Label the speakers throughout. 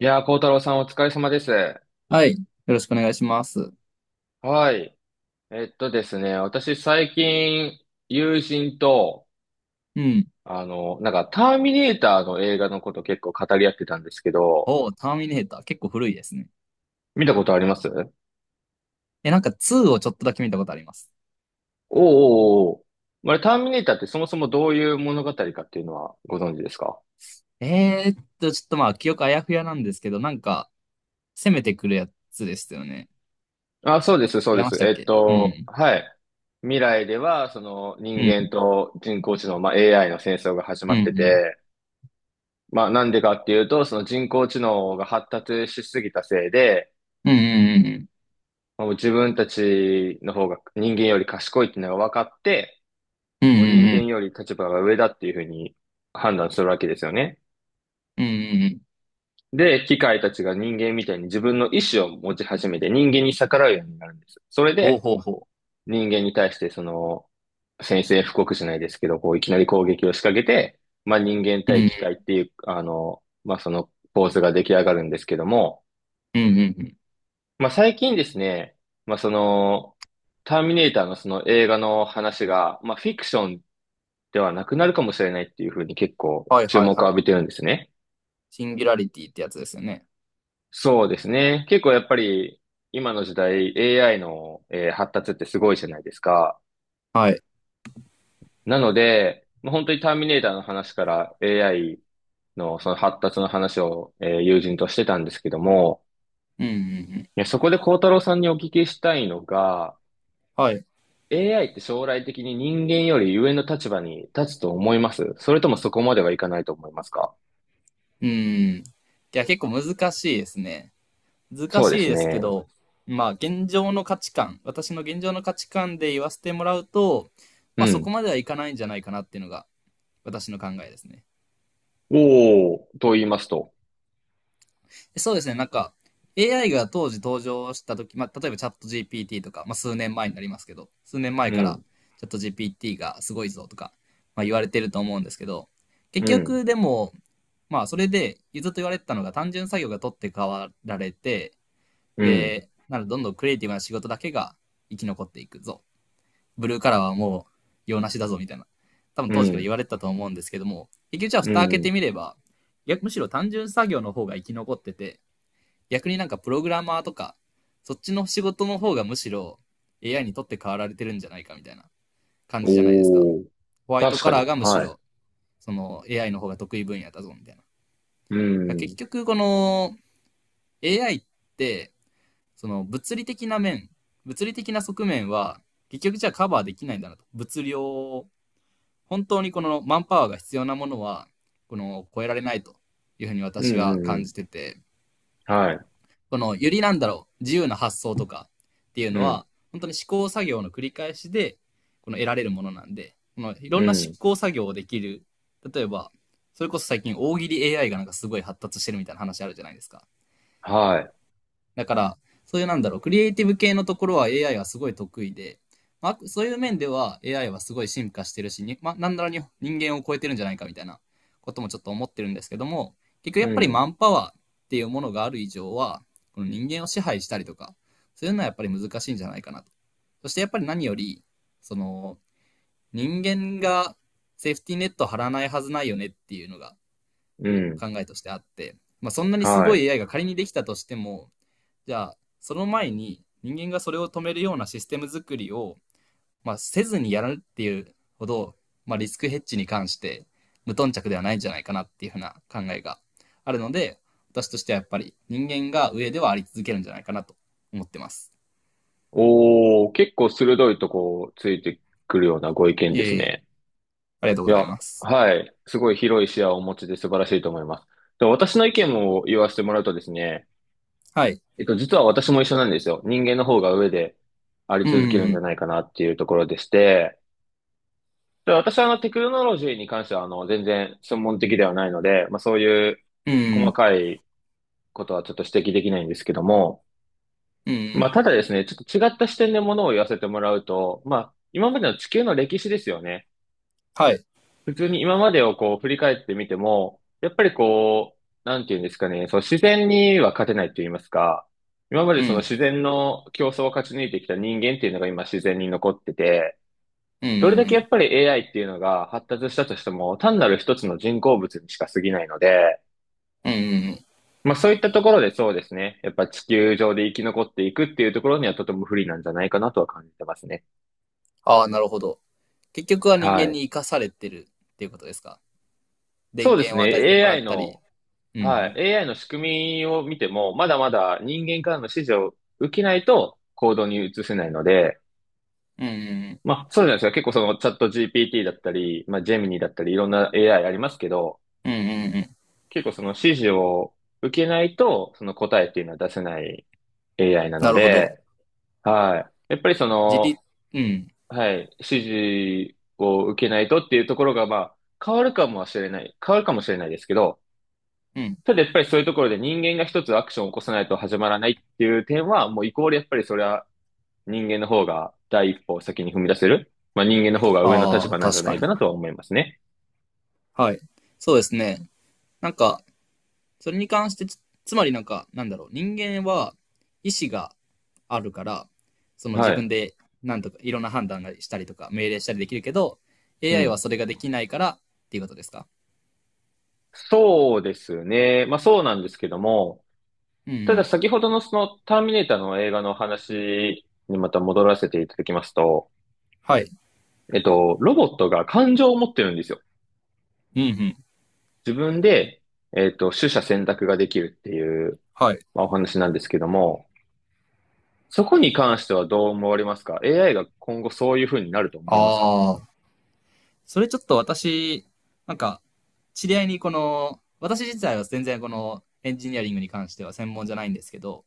Speaker 1: いやー、幸太郎さんお疲れ様です。
Speaker 2: はい。よろしくお願いします。
Speaker 1: はい。ですね、私最近、友人と、
Speaker 2: うん。
Speaker 1: ターミネーターの映画のこと結構語り合ってたんですけど、
Speaker 2: おーターミネーター。結構古いですね。
Speaker 1: 見たことあります？おう
Speaker 2: え、なんか2をちょっとだけ見たことあります。
Speaker 1: おうおう。まあれ、ターミネーターってそもそもどういう物語かっていうのはご存知ですか？
Speaker 2: ちょっと記憶あやふやなんですけど、攻めてくるやつですよね。
Speaker 1: あ、そうです、そう
Speaker 2: 違い
Speaker 1: で
Speaker 2: ま
Speaker 1: す。
Speaker 2: したっけ。うん。
Speaker 1: はい。未来では、その人
Speaker 2: う
Speaker 1: 間
Speaker 2: ん。
Speaker 1: と人工知能、まあ、AI の戦争が始
Speaker 2: う
Speaker 1: まって
Speaker 2: ん。
Speaker 1: て、まあなんでかっていうと、その人工知能が発達しすぎたせいで、
Speaker 2: うん。うん。
Speaker 1: もう自分たちの方が人間より賢いっていうのが分かって、
Speaker 2: うん。う
Speaker 1: もう人
Speaker 2: ん。う
Speaker 1: 間
Speaker 2: ん。
Speaker 1: より立場が上だっていうふうに判断するわけですよね。
Speaker 2: うん。うん。うん
Speaker 1: で、機械たちが人間みたいに自分の意志を持ち始めて人間に逆らうようになるんです。それ
Speaker 2: ほう
Speaker 1: で
Speaker 2: ほうほ
Speaker 1: 人間に対してその宣戦布告じゃないですけど、こういきなり攻撃を仕掛けて、まあ人間
Speaker 2: う。う
Speaker 1: 対機
Speaker 2: ん。
Speaker 1: 械っていう、まあその構図が出来上がるんですけども、
Speaker 2: うん。うん。うん。
Speaker 1: まあ、最近ですね、まあ、ターミネーターのその映画の話が、まあ、フィクションではなくなるかもしれないっていうふうに結構
Speaker 2: はい
Speaker 1: 注
Speaker 2: はい
Speaker 1: 目を
Speaker 2: は
Speaker 1: 浴
Speaker 2: い。
Speaker 1: びてるんですね。
Speaker 2: シンギュラリティってやつですよね。
Speaker 1: そうですね。結構やっぱり今の時代 AI の、発達ってすごいじゃないですか。
Speaker 2: はい。
Speaker 1: なので、まあ、本当にターミネーターの話から AI のその発達の話を、友人としてたんですけども、
Speaker 2: うん。うん。うん。
Speaker 1: いや、そこで孝太郎さんにお聞きしたいのが、
Speaker 2: はい。
Speaker 1: AI って将来的に人間より上の立場に立つと思います？それともそこまではいかないと思いますか？
Speaker 2: うん。いや、結構難しいですね。難
Speaker 1: そう
Speaker 2: し
Speaker 1: で
Speaker 2: い
Speaker 1: す
Speaker 2: ですけ
Speaker 1: ね。
Speaker 2: ど、まあ現状の価値観、私の現状の価値観で言わせてもらうと、
Speaker 1: う
Speaker 2: まあそこ
Speaker 1: ん。
Speaker 2: まではいかないんじゃないかなっていうのが私の考えですね。
Speaker 1: おー、と言いますと？
Speaker 2: そうですね、なんか AI が当時登場した時、まあ例えばチャット GPT とか、まあ数年前になりますけど、数年前
Speaker 1: う
Speaker 2: から
Speaker 1: ん、
Speaker 2: チャット GPT がすごいぞとか、まあ言われてると思うんですけど、結
Speaker 1: うん、
Speaker 2: 局でも、まあそれでずっと言われてたのが単純作業が取って代わられて、
Speaker 1: うん、
Speaker 2: で、なのでどんどんクリエイティブな仕事だけが生き残っていくぞ、ブルーカラーはもう用なしだぞみたいな、多分
Speaker 1: う
Speaker 2: 当時から
Speaker 1: ん、
Speaker 2: 言われてたと思うんですけども、結局じゃあ
Speaker 1: う
Speaker 2: 蓋開けて
Speaker 1: ん。
Speaker 2: みれば、逆むしろ単純作業の方が生き残ってて、逆になんかプログラマーとか、そっちの仕事の方がむしろ AI にとって変わられてるんじゃないかみたいな感じじゃないですか。
Speaker 1: おー、
Speaker 2: ホワイト
Speaker 1: 確
Speaker 2: カ
Speaker 1: か
Speaker 2: ラー
Speaker 1: に。
Speaker 2: がむし
Speaker 1: はい。
Speaker 2: ろその AI の方が得意分野だぞみたい
Speaker 1: う
Speaker 2: な。結
Speaker 1: ん、
Speaker 2: 局この AI ってその物理的な面、物理的な側面は結局じゃあカバーできないんだなと。物量、本当にこのマンパワーが必要なものは、この超えられないというふうに
Speaker 1: うん、
Speaker 2: 私
Speaker 1: う
Speaker 2: は
Speaker 1: ん、う
Speaker 2: 感
Speaker 1: ん。
Speaker 2: じてて、
Speaker 1: はい。
Speaker 2: このよりなんだろう、自由な発想とかっていう
Speaker 1: う
Speaker 2: の
Speaker 1: ん、
Speaker 2: は、本当に試行作業の繰り返しで、この得られるものなんで、このいろ
Speaker 1: う
Speaker 2: んな
Speaker 1: ん、
Speaker 2: 試行作業をできる、例えば、それこそ最近大喜利 AI がなんかすごい発達してるみたいな話あるじゃないですか。
Speaker 1: はい。
Speaker 2: だから、そういうなんだろう、クリエイティブ系のところは AI はすごい得意で、まあ、そういう面では AI はすごい進化してるし、にまあ、なんだろうに人間を超えてるんじゃないかみたいなこともちょっと思ってるんですけども、結局や
Speaker 1: う
Speaker 2: っぱり
Speaker 1: ん、
Speaker 2: マンパワーっていうものがある以上は、この人間を支配したりとか、そういうのはやっぱり難しいんじゃないかなと。そしてやっぱり何より、その、人間がセーフティーネット張らないはずないよねっていうのが
Speaker 1: うん、
Speaker 2: 考えとしてあって、まあ、そんなにす
Speaker 1: は
Speaker 2: ご
Speaker 1: い。
Speaker 2: い AI が仮にできたとしても、じゃあ、その前に人間がそれを止めるようなシステム作りを、まあ、せずにやるっていうほど、まあ、リスクヘッジに関して無頓着ではないんじゃないかなっていうふうな考えがあるので、私としてはやっぱり人間が上ではあり続けるんじゃないかなと思ってます。
Speaker 1: おー、結構鋭いとこついてくるようなご意見
Speaker 2: い
Speaker 1: です
Speaker 2: えいえ、
Speaker 1: ね。
Speaker 2: ありがとうご
Speaker 1: い
Speaker 2: ざい
Speaker 1: や、
Speaker 2: ます。
Speaker 1: はい。すごい広い視野をお持ちで素晴らしいと思います。で、私の意見を言わせてもらうとですね、
Speaker 2: はい。
Speaker 1: 実は私も一緒なんですよ。人間の方が上であり
Speaker 2: うん
Speaker 1: 続けるん
Speaker 2: う
Speaker 1: じゃ
Speaker 2: ん
Speaker 1: ないかなっていうところでして、で、私はテクノロジーに関しては全然専門的ではないので、まあそういう
Speaker 2: うん。う
Speaker 1: 細
Speaker 2: ん
Speaker 1: かいことはちょっと指摘できないんですけども、
Speaker 2: うん。うんう
Speaker 1: まあ
Speaker 2: ん。
Speaker 1: ただですね、ちょっと違った視点でものを言わせてもらうと、まあ今までの地球の歴史ですよね。
Speaker 2: はい。
Speaker 1: 普通に今までをこう振り返ってみても、やっぱりこう、なんていうんですかね、その自然には勝てないと言いますか、今まで
Speaker 2: う
Speaker 1: その
Speaker 2: ん。
Speaker 1: 自然の競争を勝ち抜いてきた人間っていうのが今自然に残ってて、
Speaker 2: うん
Speaker 1: ど
Speaker 2: う
Speaker 1: れ
Speaker 2: ん
Speaker 1: だ
Speaker 2: う
Speaker 1: けやっ
Speaker 2: ん。
Speaker 1: ぱり AI っていうのが発達したとしても、単なる一つの人工物にしか過ぎないので、
Speaker 2: はい。うんうんうん。
Speaker 1: まあそういったところでそうですね、やっぱ地球上で生き残っていくっていうところにはとても不利なんじゃないかなとは感じてますね。
Speaker 2: ああ、なるほど。結局は人
Speaker 1: は
Speaker 2: 間
Speaker 1: い。
Speaker 2: に生かされてるっていうことですか。電
Speaker 1: そうです
Speaker 2: 源を与えて
Speaker 1: ね。
Speaker 2: もらっ
Speaker 1: AI
Speaker 2: たり。
Speaker 1: の。
Speaker 2: う
Speaker 1: は
Speaker 2: ん
Speaker 1: い。AI の仕組みを見ても、まだまだ人間からの指示を受けないと行動に移せないので、
Speaker 2: うんうん
Speaker 1: まあ、そうじゃないですか。結構そのチャット GPT だったり、まあ、ジェミニだったり、いろんな AI ありますけど、
Speaker 2: うん。うんうんうん。
Speaker 1: 結構その指示を受けないと、その答えっていうのは出せない AI なの
Speaker 2: なるほど。
Speaker 1: で、はい。やっぱりそ
Speaker 2: 自立、
Speaker 1: の、
Speaker 2: うん。
Speaker 1: はい、指示を受けないとっていうところが、まあ、変わるかもしれない。変わるかもしれないですけど、
Speaker 2: うん。
Speaker 1: ただやっぱりそういうところで人間が一つアクションを起こさないと始まらないっていう点は、もうイコールやっぱりそれは人間の方が第一歩を先に踏み出せる。まあ人間の方が上の立
Speaker 2: ああ、
Speaker 1: 場なんじ
Speaker 2: 確
Speaker 1: ゃな
Speaker 2: か
Speaker 1: いか
Speaker 2: に。
Speaker 1: なとは思いますね。
Speaker 2: はい。そうですね。なんか、それに関してつ、つまりなんか、なんだろう、人間は意志があるから、その
Speaker 1: は
Speaker 2: 自分
Speaker 1: い。
Speaker 2: でなんとかいろんな判断がしたりとか、命令したりできるけど、
Speaker 1: う
Speaker 2: AI は
Speaker 1: ん。
Speaker 2: それができないからっていうことですか。
Speaker 1: そうですね。まあそうなんですけども、
Speaker 2: うんう
Speaker 1: ただ
Speaker 2: ん。
Speaker 1: 先ほどのそのターミネーターの映画の話にまた戻らせていただきますと、
Speaker 2: はい。
Speaker 1: ロボットが感情を持ってるんですよ。
Speaker 2: うんうん。
Speaker 1: 自分で、取捨選択ができるっていう、
Speaker 2: はい。
Speaker 1: まあ、お話なんですけども、そこに関してはどう思われますか ?AI が今後そういう風になると思
Speaker 2: あ
Speaker 1: いますか？
Speaker 2: あ、それちょっと私、なんか、知り合いにこの、私自体は全然このエンジニアリングに関しては専門じゃないんですけど、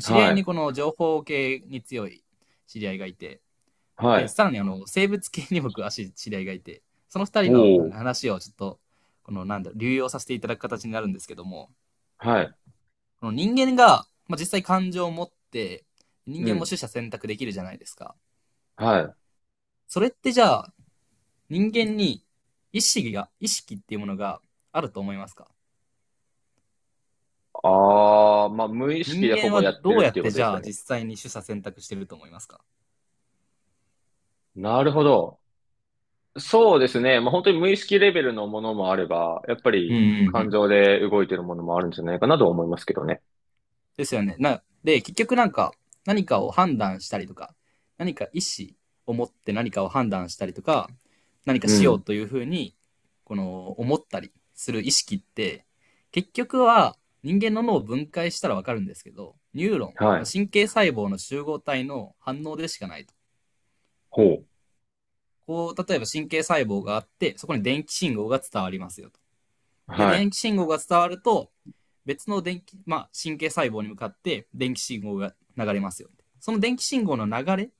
Speaker 2: 知り合
Speaker 1: は
Speaker 2: いに
Speaker 1: い。
Speaker 2: この情報系に強い知り合いがいて、
Speaker 1: は
Speaker 2: で、
Speaker 1: い。
Speaker 2: さらにあの、生物系に僕、足、知り合いがいて、その二
Speaker 1: お
Speaker 2: 人の
Speaker 1: お。
Speaker 2: 話をちょっと、この、なんだ、流用させていただく形になるんですけども、
Speaker 1: はい。
Speaker 2: この人間が、まあ、実際感情を持って、人
Speaker 1: う
Speaker 2: 間も
Speaker 1: ん。
Speaker 2: 取捨選択できるじゃないですか。
Speaker 1: はい。
Speaker 2: それってじゃあ、人間に意識が、意識っていうものがあると思いますか？
Speaker 1: ああ、まあ、無意識
Speaker 2: 人
Speaker 1: でほ
Speaker 2: 間
Speaker 1: ぼ
Speaker 2: は
Speaker 1: やって
Speaker 2: どう
Speaker 1: る
Speaker 2: や
Speaker 1: って
Speaker 2: っ
Speaker 1: いう
Speaker 2: て
Speaker 1: こと
Speaker 2: じ
Speaker 1: です
Speaker 2: ゃ
Speaker 1: か
Speaker 2: あ
Speaker 1: ね。
Speaker 2: 実際に取捨選択してると思いますか？
Speaker 1: なるほど。そうですね。まあ、本当に無意識レベルのものもあれば、やっぱ
Speaker 2: うん
Speaker 1: り
Speaker 2: うんう
Speaker 1: 感
Speaker 2: ん。
Speaker 1: 情で動いてるものもあるんじゃないかなとは思いますけどね。
Speaker 2: ですよね。な、で、結局なんか何かを判断したりとか、何か意思を持って何かを判断したりとか、何か
Speaker 1: う
Speaker 2: しよう
Speaker 1: ん。
Speaker 2: というふうに、この思ったりする意識って、結局は人間の脳を分解したらわかるんですけど、ニューロン、
Speaker 1: はい。
Speaker 2: 神経細胞の集合体の反応でしかないと。
Speaker 1: ほう。
Speaker 2: こう、例えば神経細胞があって、そこに電気信号が伝わりますよと。で、
Speaker 1: は
Speaker 2: 電
Speaker 1: い。
Speaker 2: 気信号が伝わると、別の電気、まあ、神経細胞に向かって電気信号が流れますよ。その電気信号の流れ、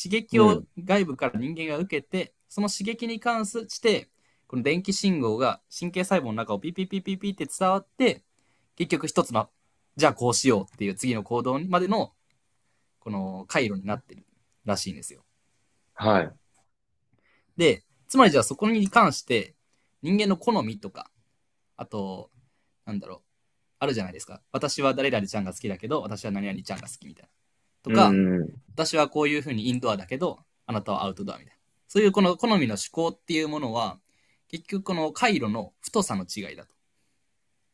Speaker 2: 刺激
Speaker 1: う
Speaker 2: を
Speaker 1: ん。
Speaker 2: 外部から人間が受けて、その刺激に関して、この電気信号が神経細胞の中をピピピピピって伝わって、結局一つの、じゃあこうしようっていう次の行動までの、この回路になってるらしいんですよ。
Speaker 1: はい。
Speaker 2: で、つまりじゃあそこに関して、人間の好みとか、あと、なんだろう、あるじゃないですか。私は誰々ちゃんが好きだけど、私は何々ちゃんが好きみたいな。と
Speaker 1: う
Speaker 2: か、
Speaker 1: んうんうん。
Speaker 2: 私はこういうふうにインドアだけど、あなたはアウトドアみたいな。そういうこの好みの思考っていうものは、結局この回路の太さの違いだと。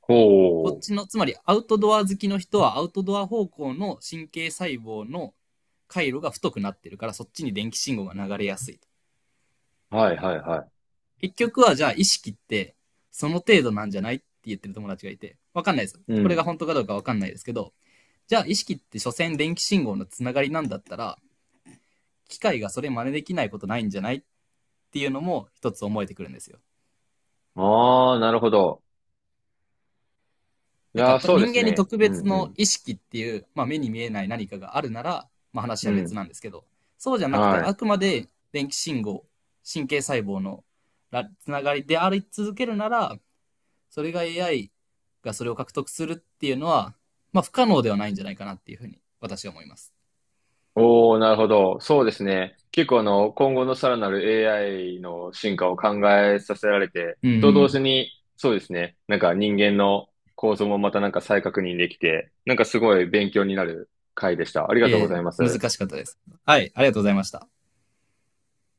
Speaker 1: ほ
Speaker 2: こっちの、つまりアウトドア好きの人はアウトドア方向の神経細胞の回路が太くなってるから、そっちに電気信号が流れやすい。
Speaker 1: う。はいはいは
Speaker 2: 結局はじゃあ意識ってその程度なんじゃないって言ってる友達がいて、わかんないです。
Speaker 1: い。う
Speaker 2: これが
Speaker 1: ん。
Speaker 2: 本当かどうかわかんないですけど、じゃあ意識って所詮電気信号のつながりなんだったら、機械がそれ真似できないことないんじゃないっていうのも一つ思えてくるんですよ。
Speaker 1: ああ、なるほど。い
Speaker 2: なん
Speaker 1: やー、
Speaker 2: か
Speaker 1: そうで
Speaker 2: 人
Speaker 1: す
Speaker 2: 間に
Speaker 1: ね。
Speaker 2: 特
Speaker 1: うん
Speaker 2: 別
Speaker 1: う
Speaker 2: の
Speaker 1: ん。
Speaker 2: 意識っていう、まあ、目に見えない何かがあるなら、まあ、話
Speaker 1: う
Speaker 2: は別
Speaker 1: ん。
Speaker 2: なんですけど、そうじゃなくて
Speaker 1: は
Speaker 2: あ
Speaker 1: い。
Speaker 2: くまで電気信号、神経細胞のつながりであり続けるなら、それが AI がそれを獲得するっていうのは、まあ不可能ではないんじゃないかなっていうふうに私は思います。
Speaker 1: おー、なるほど。そうですね。結構今後のさらなる AI の進化を考えさせられて、
Speaker 2: う
Speaker 1: と同
Speaker 2: ん。
Speaker 1: 時に、そうですね。なんか人間の構造もまたなんか再確認できて、なんかすごい勉強になる回でした。ありがとうご
Speaker 2: えー
Speaker 1: ざいま
Speaker 2: 難
Speaker 1: す。
Speaker 2: しかったです。はい、ありがとうございました。